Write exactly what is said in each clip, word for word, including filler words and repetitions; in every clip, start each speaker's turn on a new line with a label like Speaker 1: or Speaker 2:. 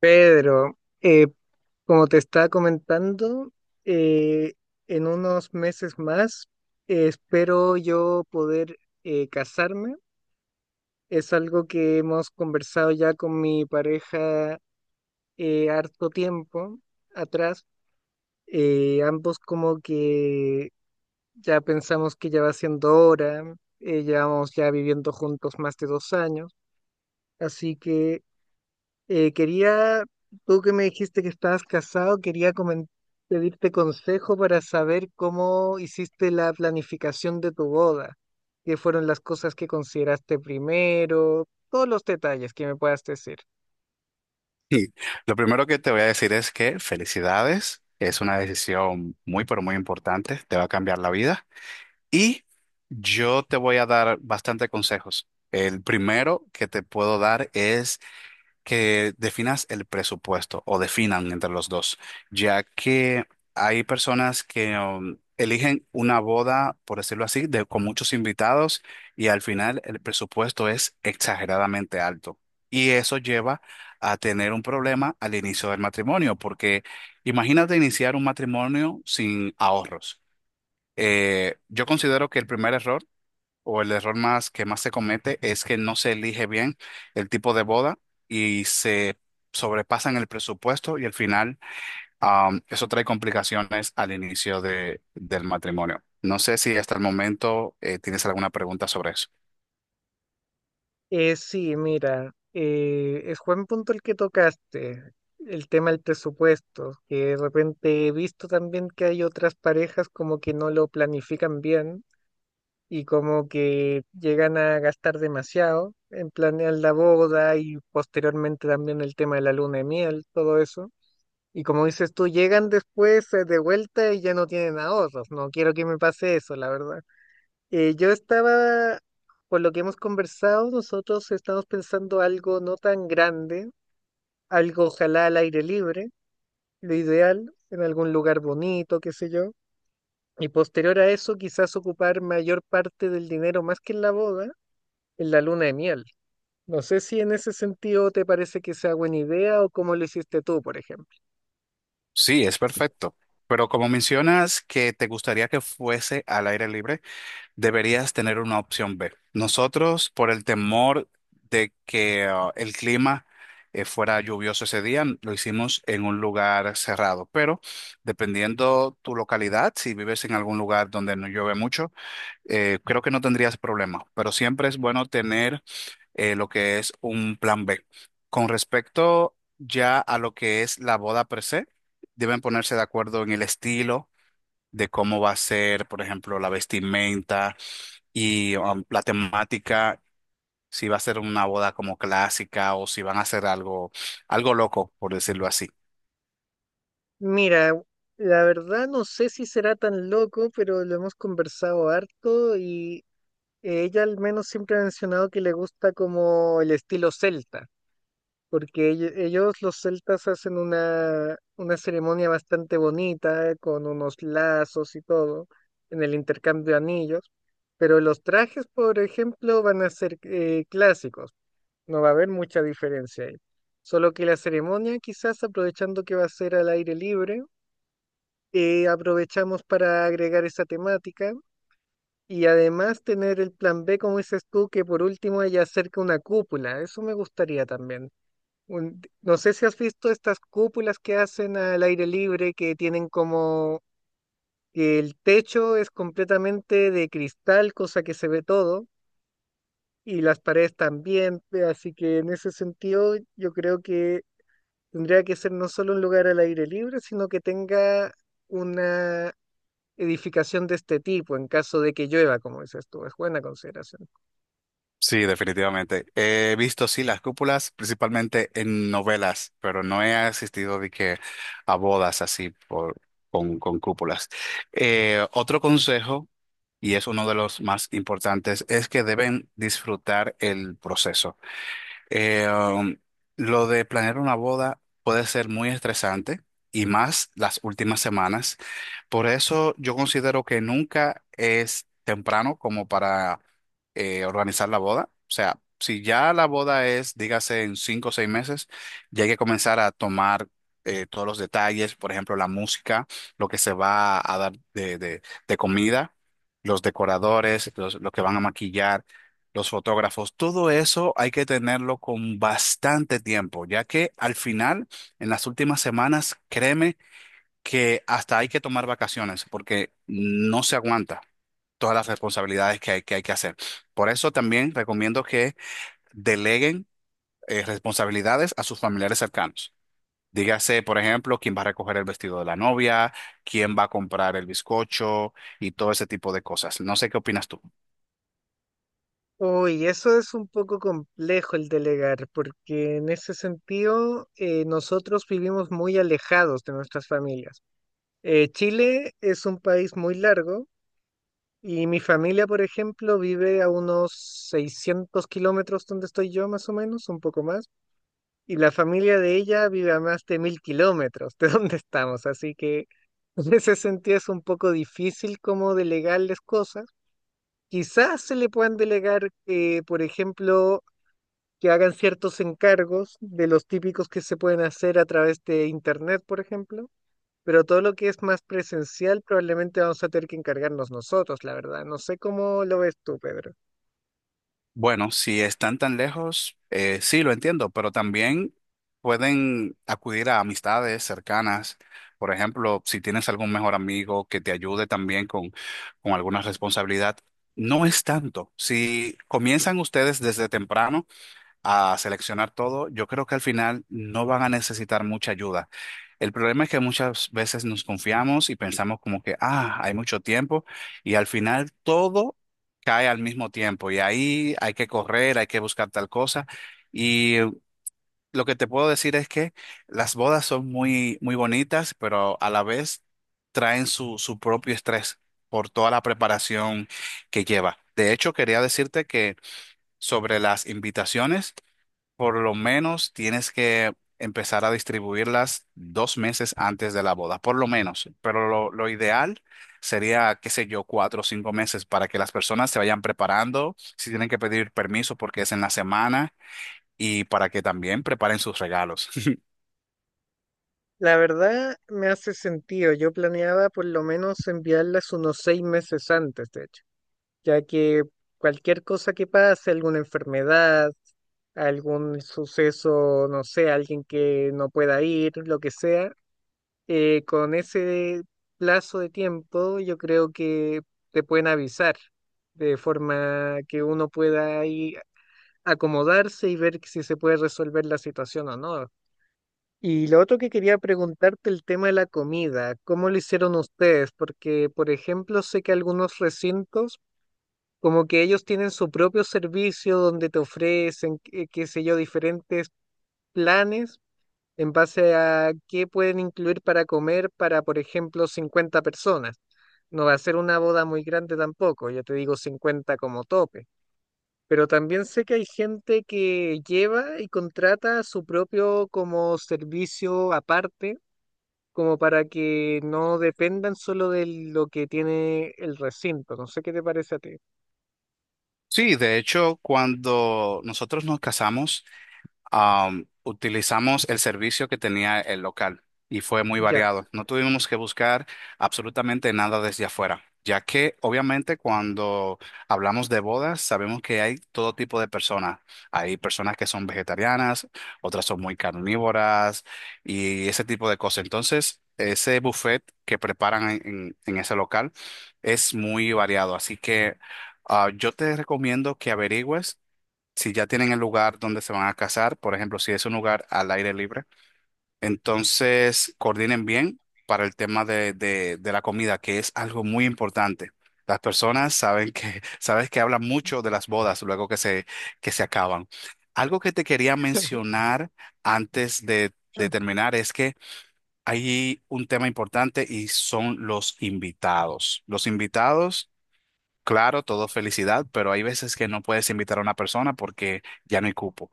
Speaker 1: Pedro, eh, como te estaba comentando, eh, en unos meses más eh, espero yo poder eh, casarme. Es algo que hemos conversado ya con mi pareja eh, harto tiempo atrás. Eh, ambos como que ya pensamos que ya va siendo hora, eh, llevamos ya viviendo juntos más de dos años, así que Eh, quería, tú que me dijiste que estabas casado, quería comen- pedirte consejo para saber cómo hiciste la planificación de tu boda, qué fueron las cosas que consideraste primero, todos los detalles que me puedas decir.
Speaker 2: Sí, lo primero que te voy a decir es que felicidades, es una decisión muy, pero muy importante, te va a cambiar la vida y yo te voy a dar bastante consejos. El primero que te puedo dar es que definas el presupuesto o definan entre los dos, ya que hay personas que um, eligen una boda, por decirlo así, de, con muchos invitados y al final el presupuesto es exageradamente alto. Y eso lleva a tener un problema al inicio del matrimonio, porque imagínate iniciar un matrimonio sin ahorros. Eh, yo considero que el primer error o el error más que más se comete es que no se elige bien el tipo de boda y se sobrepasan el presupuesto y al final am, eso trae complicaciones al inicio de, del matrimonio. No sé si hasta el momento eh, tienes alguna pregunta sobre eso.
Speaker 1: Eh, sí, mira, eh, es buen punto el que tocaste, el tema del presupuesto, que de repente he visto también que hay otras parejas como que no lo planifican bien y como que llegan a gastar demasiado en planear la boda y posteriormente también el tema de la luna de miel, todo eso. Y como dices tú, llegan después eh, de vuelta y ya no tienen ahorros. No quiero que me pase eso, la verdad. Eh, yo estaba, por lo que hemos conversado, nosotros estamos pensando algo no tan grande, algo ojalá al aire libre, lo ideal, en algún lugar bonito, qué sé yo. Y posterior a eso, quizás ocupar mayor parte del dinero, más que en la boda, en la luna de miel. No sé si en ese sentido te parece que sea buena idea o cómo lo hiciste tú, por ejemplo.
Speaker 2: Sí, es perfecto. Pero como mencionas que te gustaría que fuese al aire libre, deberías tener una opción B. Nosotros, por el temor de que ah, el clima eh, fuera lluvioso ese día, lo hicimos en un lugar cerrado, pero dependiendo tu localidad, si vives en algún lugar donde no llueve mucho, eh, creo que no tendrías problema, pero siempre es bueno tener eh, lo que es un plan B. Con respecto ya a lo que es la boda per se, deben ponerse de acuerdo en el estilo de cómo va a ser, por ejemplo, la vestimenta y um, la temática, si va a ser una boda como clásica o si van a hacer algo, algo loco, por decirlo así.
Speaker 1: Mira, la verdad no sé si será tan loco, pero lo hemos conversado harto y ella al menos siempre ha mencionado que le gusta como el estilo celta, porque ell- ellos los celtas hacen una, una ceremonia bastante bonita eh, con unos lazos y todo en el intercambio de anillos. Pero los trajes, por ejemplo, van a ser eh, clásicos. No va a haber mucha diferencia ahí. Solo que la ceremonia, quizás aprovechando que va a ser al aire libre, eh, aprovechamos para agregar esa temática y además tener el plan B, como dices tú, que por último haya cerca una cúpula. Eso me gustaría también. Un- no sé si has visto estas cúpulas que hacen al aire libre, que tienen como que el techo es completamente de cristal, cosa que se ve todo. Y las paredes también, eh, así que en ese sentido yo creo que tendría que ser no solo un lugar al aire libre, sino que tenga una edificación de este tipo en caso de que llueva. Como dices tú, es buena consideración.
Speaker 2: Sí, definitivamente. He visto, sí, las cúpulas, principalmente en novelas, pero no he asistido de que a bodas así por, con, con cúpulas. Eh, otro consejo, y es uno de los más importantes, es que deben disfrutar el proceso. Eh, um, lo de planear una boda puede ser muy estresante y más las últimas semanas. Por eso yo considero que nunca es temprano como para eh, organizar la boda. O sea, si ya la boda es, dígase, en cinco o seis meses, ya hay que comenzar a tomar eh, todos los detalles, por ejemplo, la música, lo que se va a dar de, de- de comida, los decoradores, los, lo que van a maquillar los fotógrafos, todo eso hay que tenerlo con bastante tiempo, ya que al final, en las últimas semanas, créeme que hasta hay que tomar vacaciones porque no se aguanta todas las responsabilidades que hay que, hay que hacer. Por eso también recomiendo que deleguen eh, responsabilidades a sus familiares cercanos. Dígase, por ejemplo, quién va a recoger el vestido de la novia, quién va a comprar el bizcocho y todo ese tipo de cosas. No sé qué opinas tú.
Speaker 1: Uy, eso es un poco complejo el delegar, porque en ese sentido eh, nosotros vivimos muy alejados de nuestras familias. Eh, Chile es un país muy largo y mi familia, por ejemplo, vive a unos seiscientos kilómetros donde estoy yo, más o menos, un poco más. Y la familia de ella vive a más de mil kilómetros de donde estamos, así que en ese sentido es un poco difícil como delegarles cosas. Quizás se le puedan delegar, eh, por ejemplo, que hagan ciertos encargos de los típicos que se pueden hacer a través de internet, por ejemplo. Pero todo lo que es más presencial probablemente vamos a tener que encargarnos nosotros, la verdad. No sé cómo lo ves tú, Pedro.
Speaker 2: Bueno, si están tan lejos, eh, sí, lo entiendo, pero también pueden acudir a amistades cercanas. Por ejemplo, si tienes algún mejor amigo que te ayude también con, con alguna responsabilidad, no es tanto. Si comienzan ustedes desde temprano, a seleccionar todo, yo creo que al final no van a necesitar mucha ayuda. El problema es que muchas veces nos confiamos y pensamos como que, ah, hay mucho tiempo y al final todo cae al mismo tiempo y ahí hay que correr, hay que buscar tal cosa. Y lo que te puedo decir es que las bodas son muy, muy bonitas, pero a la vez traen su, su propio estrés por toda la preparación que lleva. De hecho, quería decirte que sobre las invitaciones, por lo menos tienes que empezar a distribuirlas dos meses antes de la boda, por lo menos. Pero lo, lo ideal sería, qué sé yo, cuatro o cinco meses para que las personas se vayan preparando, si tienen que pedir permiso porque es en la semana y para que también preparen sus regalos.
Speaker 1: La verdad me hace sentido. Yo planeaba por lo menos enviarlas unos seis meses antes, de hecho, ya que cualquier cosa que pase, alguna enfermedad, algún suceso, no sé, alguien que no pueda ir, lo que sea, eh, con ese plazo de tiempo yo creo que te pueden avisar de forma que uno pueda ahí acomodarse y ver si se puede resolver la situación o no. Y lo otro que quería preguntarte, el tema de la comida, ¿cómo lo hicieron ustedes? Porque, por ejemplo, sé que algunos recintos como que ellos tienen su propio servicio donde te ofrecen, qué, qué sé yo, diferentes planes en base a qué pueden incluir para comer para, por ejemplo, cincuenta personas. No va a ser una boda muy grande tampoco, ya te digo cincuenta como tope. Pero también sé que hay gente que lleva y contrata su propio como servicio aparte, como para que no dependan solo de lo que tiene el recinto. No sé qué te parece a ti.
Speaker 2: Sí, de hecho, cuando nosotros nos casamos, am, utilizamos el servicio que tenía el local y fue muy
Speaker 1: Ya.
Speaker 2: variado. No tuvimos que buscar absolutamente nada desde afuera, ya que obviamente cuando hablamos de bodas sabemos que hay todo tipo de personas. Hay personas que son vegetarianas, otras son muy carnívoras y ese tipo de cosas. Entonces, ese buffet que preparan en, en- en ese local es muy variado. Así que ah, yo te recomiendo que averigües si ya tienen el lugar donde se van a casar, por ejemplo, si es un lugar al aire libre, entonces coordinen bien para el tema de, de- de la comida, que es algo muy importante. Las
Speaker 1: Y-
Speaker 2: personas saben que, sabes que hablan mucho de las bodas luego que se, que se acaban. Algo que te quería mencionar antes de, de terminar es que hay un tema importante y son los invitados. Los invitados. Claro, todo felicidad, pero hay veces que no puedes invitar a una persona porque ya no hay cupo.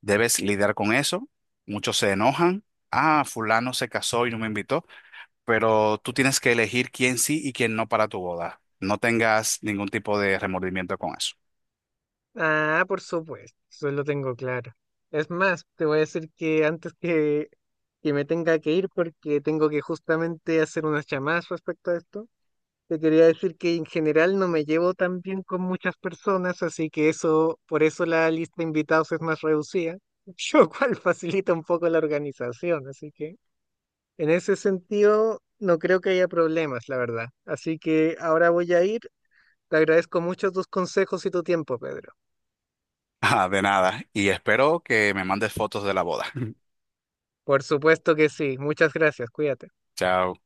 Speaker 2: Debes lidiar con eso. Muchos se enojan. Ah, fulano se casó y no me invitó, pero tú tienes que elegir quién sí y quién no para tu boda. No tengas ningún tipo de remordimiento con eso.
Speaker 1: Ah, por supuesto, eso lo tengo claro. Es más, te voy a decir que antes que, que me tenga que ir, porque tengo que justamente hacer unas llamadas respecto a esto, te quería decir que en general no me llevo tan bien con muchas personas, así que eso, por eso la lista de invitados es más reducida, lo cual facilita un poco la organización, así que en ese sentido no creo que haya problemas, la verdad. Así que ahora voy a ir, te agradezco mucho tus consejos y tu tiempo, Pedro.
Speaker 2: Ah, de nada. Y espero que me mandes fotos de la boda.
Speaker 1: Por supuesto que sí. Muchas gracias. Cuídate.
Speaker 2: Chao.